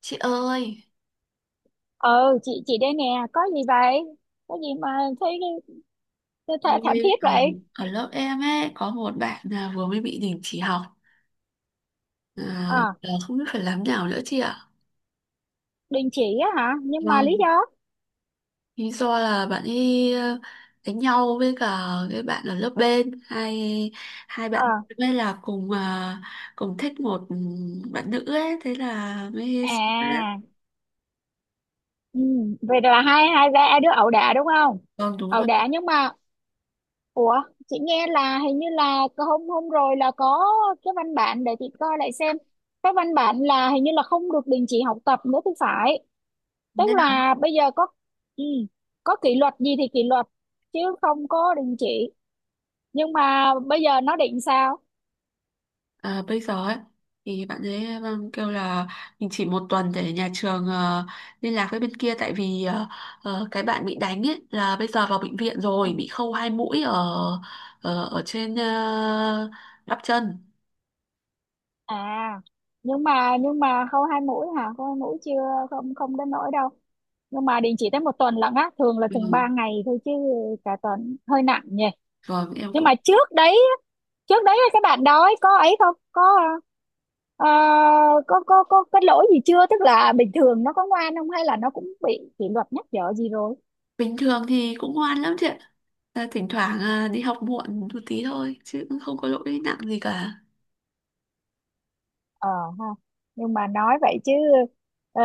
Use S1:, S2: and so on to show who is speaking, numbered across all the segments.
S1: Chị ơi,
S2: Ừ chị đây nè. Có gì vậy? Có gì mà thấy th th thảm
S1: tôi
S2: thiết
S1: ở,
S2: vậy?
S1: ở lớp em ấy có một bạn là vừa mới bị đình chỉ học,
S2: ờ
S1: là không biết phải làm nào nữa chị ạ.
S2: Đình chỉ á hả? Nhưng mà lý
S1: Vâng,
S2: do?
S1: lý do là bạn ấy, đánh nhau với cả cái bạn ở lớp bên. Hai hai
S2: ờ
S1: bạn mới là cùng, cùng thích một, bạn nữ ấy, thế là mới.
S2: à ừ. Vậy là hai hai ba đứa ẩu đả đúng không?
S1: Vâng, đúng
S2: Ẩu
S1: rồi,
S2: đả, nhưng mà ủa, chị nghe là hình như là hôm hôm rồi là có cái văn bản, để chị coi lại xem. Cái văn bản là hình như là không được đình chỉ học tập nữa thì phải. Tức
S1: thế là.
S2: là bây giờ có ừ, có kỷ luật gì thì kỷ luật, chứ không có đình chỉ. Nhưng mà bây giờ nó định sao?
S1: À, bây giờ ấy thì bạn ấy, vâng, kêu là mình chỉ một tuần để nhà trường, liên lạc với bên kia, tại vì, cái bạn bị đánh ấy là bây giờ vào bệnh viện
S2: Ừ.
S1: rồi bị khâu hai mũi ở ở trên, bắp chân.
S2: À, nhưng mà khâu 2 mũi hả? Khâu 2 mũi chưa? Không, không đến nỗi đâu. Nhưng mà định chỉ tới một tuần lận á, thường là thường ba
S1: Ừ.
S2: ngày thôi chứ. Cả tuần hơi nặng nhỉ.
S1: Rồi em
S2: Nhưng mà
S1: cũng.
S2: trước đấy các bạn đó ấy, có ấy không, có ờ, có cái lỗi gì chưa? Tức là bình thường nó có ngoan không, hay là nó cũng bị kỷ luật nhắc nhở gì rồi?
S1: Bình thường thì cũng ngoan lắm chị ạ, thỉnh thoảng đi học muộn một tí thôi chứ cũng không có lỗi nặng gì cả.
S2: ờ Ha, nhưng mà nói vậy chứ ờ,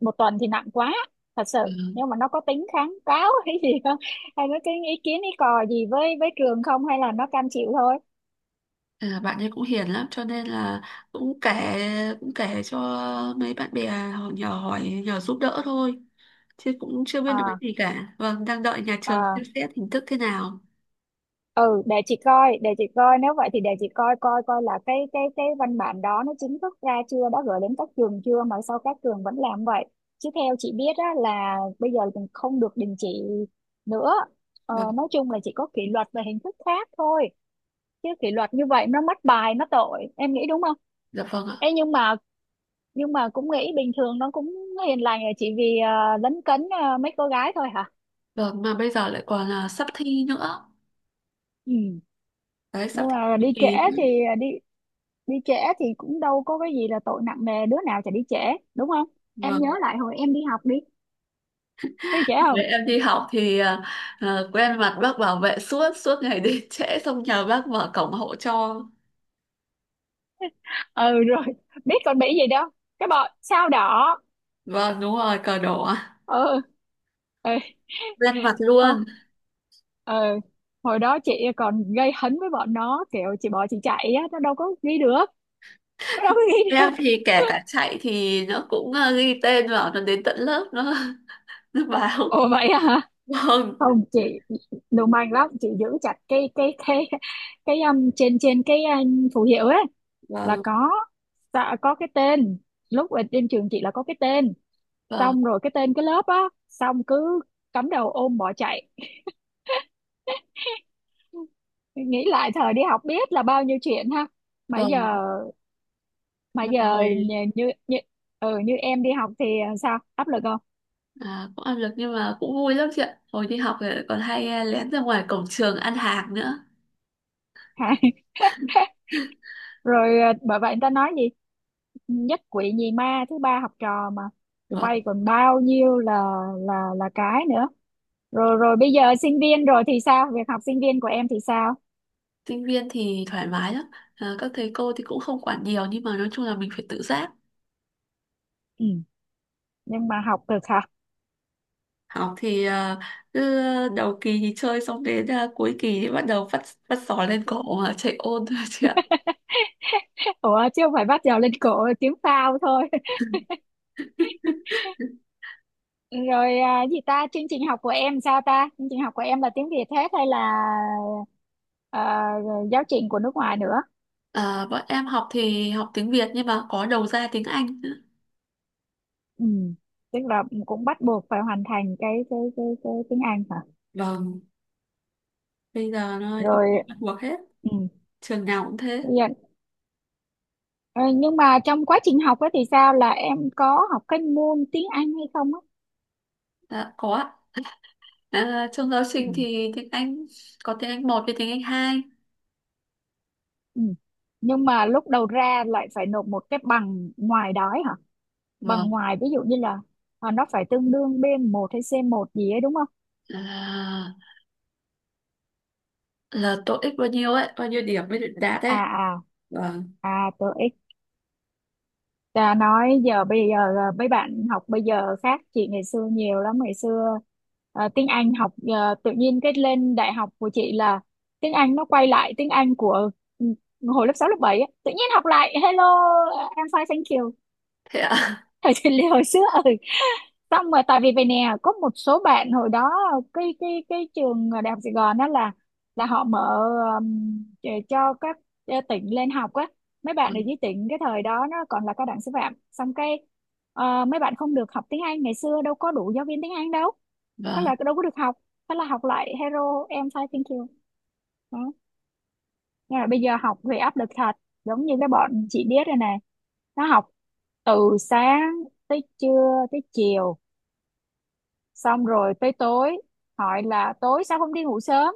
S2: một tuần thì nặng quá, thật sự.
S1: Ừ.
S2: Nhưng mà nó có tính kháng cáo hay gì không? Hay nó cái ý kiến ý cò gì với trường không? Hay là nó cam chịu thôi?
S1: À, bạn ấy cũng hiền lắm cho nên là cũng kể cũng kể cho mấy bạn bè họ nhờ hỏi nhờ giúp đỡ thôi, chứ cũng chưa biết được cái
S2: À.
S1: gì cả. Vâng, đang đợi nhà trường
S2: À.
S1: xem xét hình thức thế nào.
S2: Ừ, để chị coi, để chị coi, nếu vậy thì để chị coi coi coi là cái văn bản đó nó chính thức ra chưa, đã gửi đến các trường chưa mà sao các trường vẫn làm vậy. Chứ theo chị biết á, là bây giờ mình không được đình chỉ nữa.
S1: Vâng.
S2: Nói chung là chỉ có kỷ luật và hình thức khác thôi. Chứ kỷ luật như vậy nó mất bài, nó tội, em nghĩ đúng không?
S1: Dạ vâng ạ.
S2: Ê, nhưng mà cũng nghĩ bình thường nó cũng hiền lành, là chỉ vì lấn cấn mấy cô gái thôi hả?
S1: Vâng, mà bây giờ lại còn là sắp thi nữa.
S2: Ừ.
S1: Đấy, sắp
S2: Nhưng
S1: thi
S2: mà
S1: cuối
S2: đi trễ
S1: kỳ nữa.
S2: thì à, đi đi trễ thì cũng đâu có cái gì là tội nặng nề, đứa nào chả đi trễ, đúng không? Em nhớ
S1: Vâng.
S2: lại hồi em đi học đi, có đi trễ không?
S1: Với em đi học thì, quen mặt bác bảo vệ, suốt suốt ngày đến trễ xong nhờ bác mở cổng hộ cho.
S2: Ừ rồi, biết còn bị gì đâu, cái bọ sao đỏ.
S1: Vâng, đúng rồi, cờ đỏ.
S2: Ừ. Ừ.
S1: Quen mặt
S2: Ờ,
S1: luôn.
S2: ờ, Hồi đó chị còn gây hấn với bọn nó, kiểu chị bỏ chị chạy á, nó đâu có ghi được. Nó đâu có ghi
S1: Em
S2: được.
S1: thì kể cả chạy thì nó cũng, ghi tên vào nó đến tận lớp nó nó báo.
S2: Ồ, vậy hả?
S1: Vâng.
S2: Không chị, lưu manh lắm chị, giữ chặt cái cái trên trên cái phù hiệu ấy, là
S1: Vâng.
S2: có. Dạ, có cái tên, lúc ở trên trường chị là có cái tên.
S1: Vâng.
S2: Xong rồi cái tên, cái lớp á. Xong cứ cắm đầu ôm bỏ chạy. Nghĩ lại thời đi học biết là bao nhiêu chuyện ha. Mà
S1: Vâng.
S2: giờ,
S1: Mà hồi,
S2: như như như em đi học thì sao, áp lực không?
S1: cũng áp lực nhưng mà cũng vui lắm chị ạ. Hồi đi học thì còn hay, lén ra ngoài cổng trường ăn hàng nữa.
S2: Hả? Rồi, bởi vậy người ta nói gì, nhất quỷ nhì ma thứ ba học trò mà. Tụi
S1: Vâng.
S2: bay còn bao nhiêu là là cái nữa. Rồi rồi bây giờ sinh viên rồi thì sao, việc học sinh viên của em thì sao?
S1: Sinh viên thì thoải mái lắm, các thầy cô thì cũng không quản nhiều nhưng mà nói chung là mình phải tự giác.
S2: Ừ. Nhưng mà học được hả?
S1: Học thì, cứ đầu kỳ thì chơi, xong đến, cuối kỳ thì bắt đầu phát phát sỏi lên cổ mà chạy ôn thôi chị ạ.
S2: Ủa chứ không phải bắt đầu lên cổ tiếng phao thôi? Rồi gì ta, chương trình học của em sao ta? Chương trình học của em là tiếng Việt hết hay là à, giáo trình của nước ngoài nữa?
S1: À, bọn em học thì học tiếng Việt nhưng mà có đầu ra tiếng Anh nữa.
S2: Ừ. Tức là cũng bắt buộc phải hoàn thành cái tiếng Anh hả?
S1: Vâng, bây giờ nó yêu
S2: Rồi.
S1: cầu bắt buộc hết,
S2: Ừ.
S1: trường nào cũng thế.
S2: Dạ. Ờ, nhưng mà trong quá trình học ấy thì sao, là em có học cái môn tiếng Anh hay không á?
S1: Dạ, có ạ. À, trong giáo
S2: Ừ.
S1: trình thì tiếng Anh có tiếng Anh một với tiếng Anh hai.
S2: Ừ. Nhưng mà lúc đầu ra lại phải nộp một cái bằng ngoài đó ấy hả? Bằng
S1: Vâng,
S2: ngoài ví dụ như là nó phải tương đương b một hay c một gì ấy đúng không?
S1: là, là TOEIC bao nhiêu ấy, bao nhiêu điểm mới được đạt
S2: À
S1: ấy. Vâng,
S2: à. À tôi ít nói giờ bây giờ mấy bạn học bây giờ khác chị ngày xưa nhiều lắm. Ngày xưa tiếng Anh học tự nhiên cái lên đại học của chị là tiếng Anh nó quay lại tiếng Anh của ừ, hồi lớp 6 lớp 7 á. Tự nhiên học lại hello I'm fine thank you
S1: thế ạ.
S2: thời chị Lê hồi xưa. Ừ, xong rồi tại vì vậy nè có một số bạn hồi đó cái trường đại học Sài Gòn đó là họ mở um, để cho các tỉnh lên học á, mấy bạn ở
S1: Vâng,
S2: dưới tỉnh, cái thời đó nó còn là cao đẳng sư phạm. Xong cái mấy bạn không được học tiếng Anh, ngày xưa đâu có đủ giáo viên tiếng Anh đâu. Thế
S1: vâng.
S2: là đâu có được học. Thế là học lại hero em sai thank you đó. Nhưng mà bây giờ học về áp lực thật, giống như cái bọn chị biết rồi này, nó học từ sáng tới trưa tới chiều xong rồi tới tối. Hỏi là tối sao không đi ngủ sớm,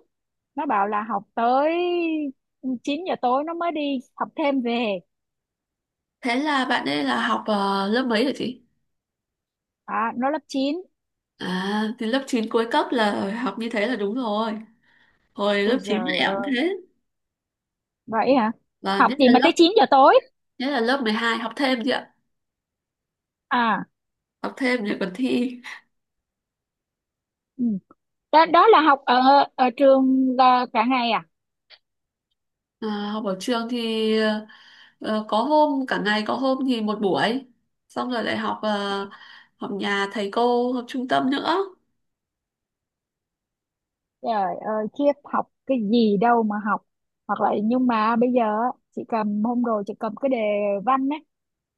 S2: nó bảo là học tới 9 giờ tối nó mới đi học thêm về.
S1: Thế là bạn ấy là học, lớp mấy hả chị?
S2: À, nó lớp 9.
S1: À, thì lớp 9 cuối cấp là học như thế là đúng rồi. Hồi
S2: Ui
S1: lớp 9
S2: giời
S1: em cũng
S2: ơi,
S1: thế.
S2: vậy hả?
S1: Vâng,
S2: Học
S1: nhất
S2: gì
S1: là
S2: mà tới
S1: lớp
S2: 9 giờ tối?
S1: nhất là lớp 12 học thêm chứ,
S2: À.
S1: học thêm để còn thi.
S2: Ừ. Đó, đó là học ở ở trường là cả ngày à?
S1: Học ở trường thì, có hôm cả ngày có hôm thì một buổi, xong rồi lại học, học nhà thầy cô, học trung tâm nữa.
S2: Trời ơi khiếp, học cái gì đâu mà học. Hoặc là nhưng mà bây giờ á, chị cầm hôm rồi, chị cầm cái đề văn ấy,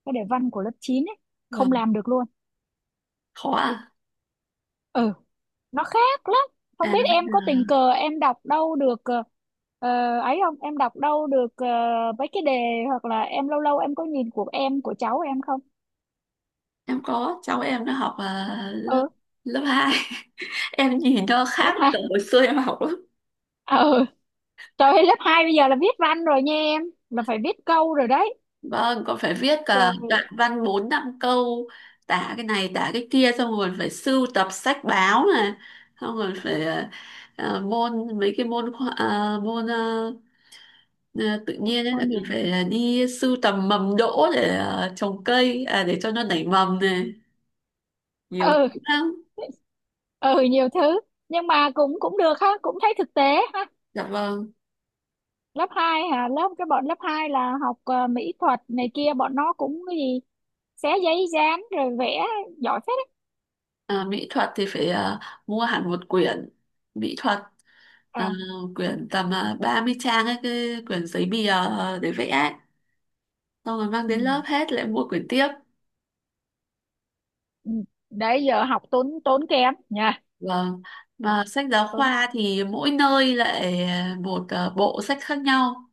S2: cái đề văn của lớp 9 ấy, không
S1: Vâng,
S2: làm được luôn.
S1: khó à?
S2: Ừ, nó khác lắm. Không
S1: À,
S2: biết
S1: bây
S2: em có
S1: giờ
S2: tình cờ em đọc đâu được ấy không, em đọc đâu được mấy cái đề? Hoặc là em lâu lâu em có nhìn của em, của cháu em không?
S1: em có cháu em nó học, ờ, lớp
S2: Ừ,
S1: lớp hai. Em nhìn nó
S2: lớp
S1: khác với
S2: hai
S1: cả hồi xưa em học lắm.
S2: Ừ. Trời ơi, lớp 2 bây giờ là viết văn rồi nha em, là phải viết câu rồi đấy.
S1: Vâng, còn phải viết
S2: Trời
S1: cả
S2: ơi.
S1: đoạn văn 4 5 câu, tả cái này tả cái kia, xong rồi phải sưu tập sách báo này, xong rồi phải, môn mấy cái môn khoa- tự nhiên ấy là
S2: Môn gì?
S1: mình phải đi sưu tầm mầm đỗ để, trồng cây, để cho nó nảy mầm này, nhiều
S2: Ừ.
S1: thứ lắm.
S2: Ừ, nhiều thứ. Nhưng mà cũng cũng được ha, cũng thấy thực tế ha.
S1: Dạ vâng.
S2: lớp 2 hả? Lớp cái bọn lớp 2 là học mỹ thuật này kia, bọn nó cũng cái gì xé giấy dán rồi vẽ, giỏi phết đấy.
S1: Ờ, mỹ thuật thì phải, mua hẳn một quyển mỹ thuật, ờ,
S2: À.
S1: quyển tầm 30 trang ấy, cái quyển giấy bìa, để vẽ ấy. Xong rồi mang
S2: Ừ.
S1: đến lớp hết lại mua quyển tiếp.
S2: Ừ. Đấy giờ học tốn, tốn kém nha.
S1: Vâng.
S2: Học
S1: Và sách giáo
S2: tốn.
S1: khoa thì mỗi nơi lại, một, bộ sách khác nhau.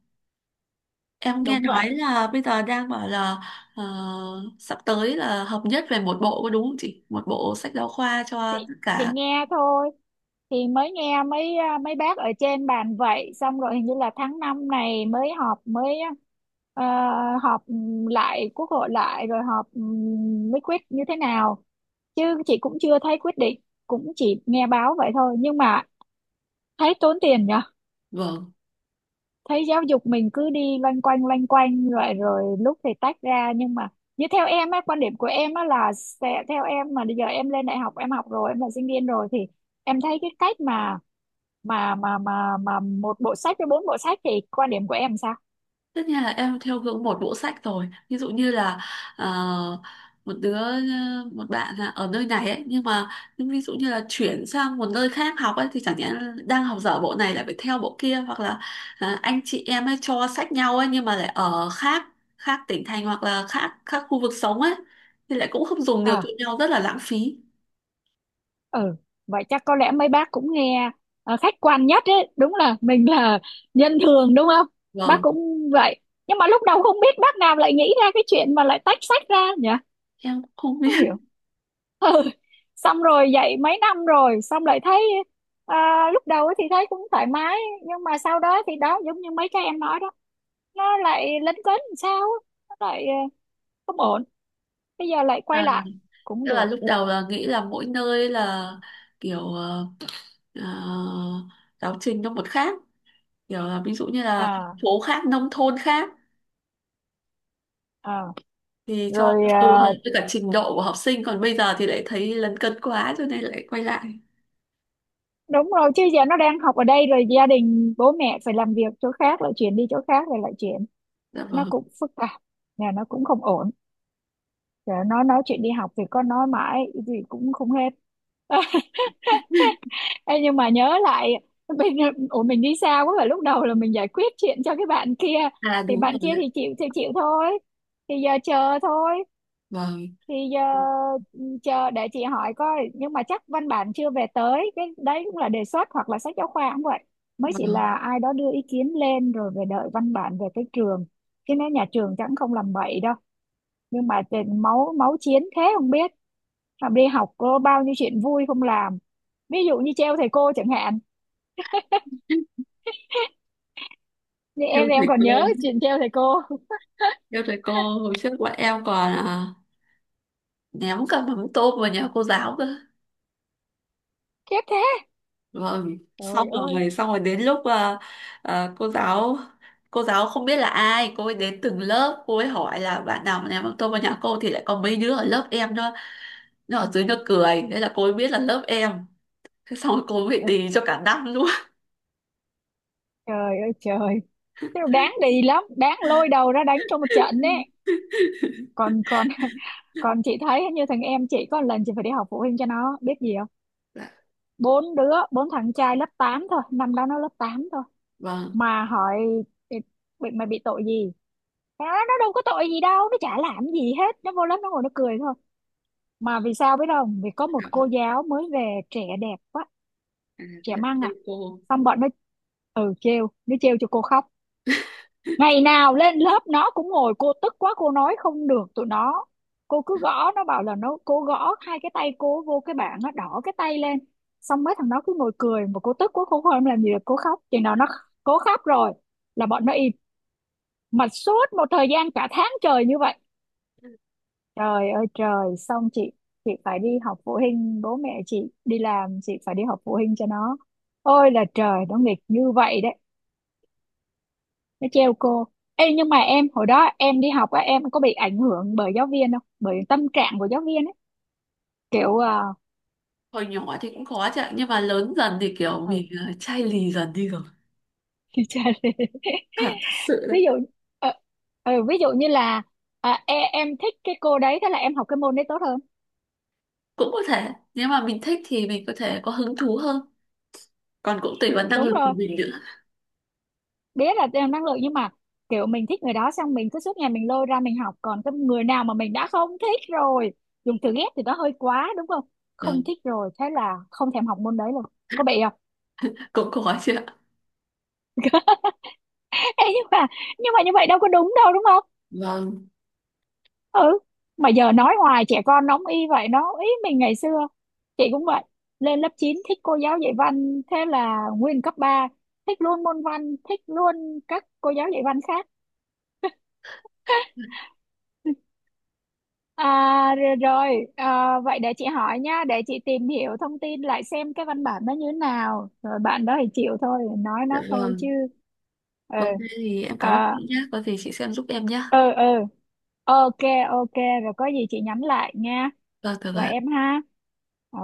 S1: Em nghe
S2: Đúng
S1: nói
S2: vậy.
S1: là bây giờ đang bảo là, ờ, sắp tới là hợp nhất về một bộ, có đúng không chị, một bộ sách giáo khoa
S2: thì,
S1: cho tất
S2: thì
S1: cả.
S2: nghe thôi, thì mới nghe mấy mấy bác ở trên bàn vậy, xong rồi hình như là tháng 5 này mới họp, mới ờ, họp lại quốc hội lại, rồi họp mới quyết như thế nào. Chứ chị cũng chưa thấy quyết định, cũng chỉ nghe báo vậy thôi nhưng mà thấy tốn tiền nhỉ.
S1: Vâng.
S2: Thấy giáo dục mình cứ đi loanh quanh rồi, rồi lúc thì tách ra nhưng mà như theo em á, quan điểm của em á là sẽ theo em, mà bây giờ em lên đại học em học rồi em là sinh viên rồi thì em thấy cái cách mà một bộ sách với 4 bộ sách thì quan điểm của em sao?
S1: Tất nhiên là em theo hướng một bộ sách rồi. Ví dụ như là, ờ, một đứa ờ, một bạn là ở nơi này ấy, nhưng ví dụ như là chuyển sang một nơi khác học ấy thì chẳng nhẽ đang học dở bộ này lại phải theo bộ kia, hoặc là, anh chị em ấy cho sách nhau ấy nhưng mà lại ở khác, tỉnh thành, hoặc là khác, khu vực sống ấy thì lại cũng không dùng được cho
S2: À.
S1: nhau, rất là lãng phí.
S2: Ừ. Vậy chắc có lẽ mấy bác cũng nghe khách quan nhất ấy, đúng là mình là nhân thường đúng không, bác
S1: Vâng,
S2: cũng vậy. Nhưng mà lúc đầu không biết bác nào lại nghĩ ra cái chuyện mà lại tách sách ra nhỉ.
S1: em cũng không
S2: Không
S1: biết.
S2: hiểu. Ừ. Xong rồi dạy mấy năm rồi xong lại thấy à, lúc đầu ấy thì thấy cũng thoải mái nhưng mà sau đó thì đó giống như mấy cái em nói đó, nó lại lấn cấn làm sao á, nó lại không ổn. Bây giờ lại quay
S1: là
S2: lại cũng
S1: tức
S2: được.
S1: là lúc đầu là nghĩ là mỗi nơi là kiểu, ờ, giáo trình nó một khác, kiểu là ví dụ như là thành
S2: à,
S1: phố khác nông thôn khác
S2: à.
S1: thì cho nó
S2: Rồi
S1: phù hợp với cả trình độ của học sinh, còn bây giờ thì lại thấy lấn cấn quá cho nên lại quay lại.
S2: đúng rồi, chứ giờ nó đang học ở đây rồi, gia đình bố mẹ phải làm việc chỗ khác lại chuyển đi chỗ khác rồi lại chuyển,
S1: Dạ
S2: nó
S1: vâng.
S2: cũng phức tạp. Nhà nó cũng không ổn, giờ nó nói chuyện đi học thì có nói mãi gì cũng không hết. Ờ. Ê, nhưng mà nhớ lại mình, ủa mình đi xa quá, và lúc đầu là mình giải quyết chuyện cho cái
S1: À đúng rồi
S2: bạn kia
S1: đấy.
S2: thì chịu thôi, thì giờ chờ thôi.
S1: Vâng,
S2: Thì giờ chờ để chị hỏi coi, nhưng mà chắc văn bản chưa về tới, cái đấy cũng là đề xuất hoặc là sách giáo khoa cũng vậy, mới chỉ
S1: vâng.
S2: là ai đó đưa ý kiến lên rồi về đợi văn bản về cái trường. Chứ nếu nhà trường chẳng không làm bậy đâu. Nhưng mà tiền máu, máu chiến thế không biết, mà đi học có bao nhiêu chuyện vui không làm, ví dụ như treo thầy cô chẳng hạn. Như
S1: Theo
S2: em thì em
S1: thầy
S2: còn
S1: cô,
S2: nhớ chuyện treo thầy cô
S1: theo thầy cô, hồi trước bọn em còn, ném cả mắm tôm vào nhà cô giáo cơ.
S2: khiếp thế.
S1: Vâng,
S2: Trời ơi.
S1: xong rồi đến lúc, à, cô giáo cô giáo không biết là ai, cô ấy đến từng lớp, cô ấy hỏi là bạn nào mà ném mắm tôm vào nhà cô, thì lại có mấy đứa ở lớp em nữa nhưng ở dưới nó cười thế là cô ấy biết là lớp em. Thế xong rồi cô ấy bị đì cho cả năm luôn.
S2: Trời ơi trời. Thế mà đáng đi lắm, đáng lôi đầu ra đánh trong một trận đấy. Còn còn còn chị thấy như thằng em chị có một lần chị phải đi học phụ huynh cho nó, biết gì không?
S1: Dạ,
S2: 4 đứa, 4 thằng trai lớp 8 thôi, năm đó nó lớp 8 thôi.
S1: vâng.
S2: Mà hỏi "Ê, mày bị tội gì?" Nó nói, nó đâu có tội gì đâu, nó chả làm gì hết, nó vô lớp nó ngồi nó cười thôi. Mà vì sao biết không, vì có một
S1: à,
S2: cô giáo mới về trẻ đẹp quá,
S1: thế
S2: trẻ
S1: là
S2: măng
S1: trêu cô.
S2: xong bọn nó. Ừ, trêu, nó trêu cho cô khóc. Ngày nào lên lớp nó cũng ngồi, cô tức quá cô nói không được tụi nó. Cô cứ gõ, nó bảo là nó, cô gõ 2 cái tay cô vô cái bảng nó đỏ cái tay lên. Xong mấy thằng nó cứ ngồi cười, mà cô tức quá cô không làm gì được cô khóc. Chừng nào nó cố khóc rồi là bọn nó im. Mà suốt một thời gian cả tháng trời như vậy. Trời ơi trời. Xong chị phải đi học phụ huynh, bố mẹ chị đi làm chị phải đi học phụ huynh cho nó. Ôi là trời, nó nghịch như vậy đấy, nó trêu cô. Ê, nhưng mà em hồi đó em đi học á, em có bị ảnh hưởng bởi giáo viên không, bởi tâm trạng của giáo viên ấy, kiểu
S1: Hồi nhỏ thì cũng khó chứ ạ, nhưng mà lớn dần thì kiểu
S2: ừ,
S1: mình, chai lì dần đi rồi.
S2: như lê.
S1: Thật thật sự đấy.
S2: Ví dụ ờ, ví dụ như là em thích cái cô đấy thế là em học cái môn đấy tốt hơn.
S1: Cũng có thể nếu mà mình thích thì mình có thể có hứng thú hơn, còn cũng tùy vào năng
S2: Đúng
S1: lực của
S2: rồi,
S1: mình nữa.
S2: biết là em năng lượng nhưng mà kiểu mình thích người đó xong mình cứ suốt ngày mình lôi ra mình học, còn cái người nào mà mình đã không thích rồi, dùng từ ghét thì nó hơi quá đúng không,
S1: Vâng.
S2: không thích rồi thế là không thèm học môn đấy luôn. Có bị không?
S1: Cũng khó chứ ạ.
S2: Ê, nhưng mà như vậy đâu có đúng đâu đúng không.
S1: Vâng.
S2: Ừ. Mà giờ nói hoài trẻ con nóng y vậy, nó ý mình ngày xưa chị cũng vậy, lên lớp 9 thích cô giáo dạy văn thế là nguyên cấp 3 thích luôn môn văn, thích luôn các cô giáo dạy văn khác. À rồi, rồi. À, vậy để chị hỏi nha, để chị tìm hiểu thông tin lại xem cái văn bản nó như thế nào, rồi bạn đó thì chịu thôi, nói
S1: Dạ
S2: nó thôi chứ.
S1: vâng.
S2: Ừ.
S1: Vâng, thế thì em cảm ơn
S2: À,
S1: chị nhé, có gì chị xem giúp em nhé.
S2: ừ ừ, ok ok. Rồi có gì chị nhắn lại nha,
S1: Vâng, được
S2: và em
S1: ạ.
S2: ha. Ờ.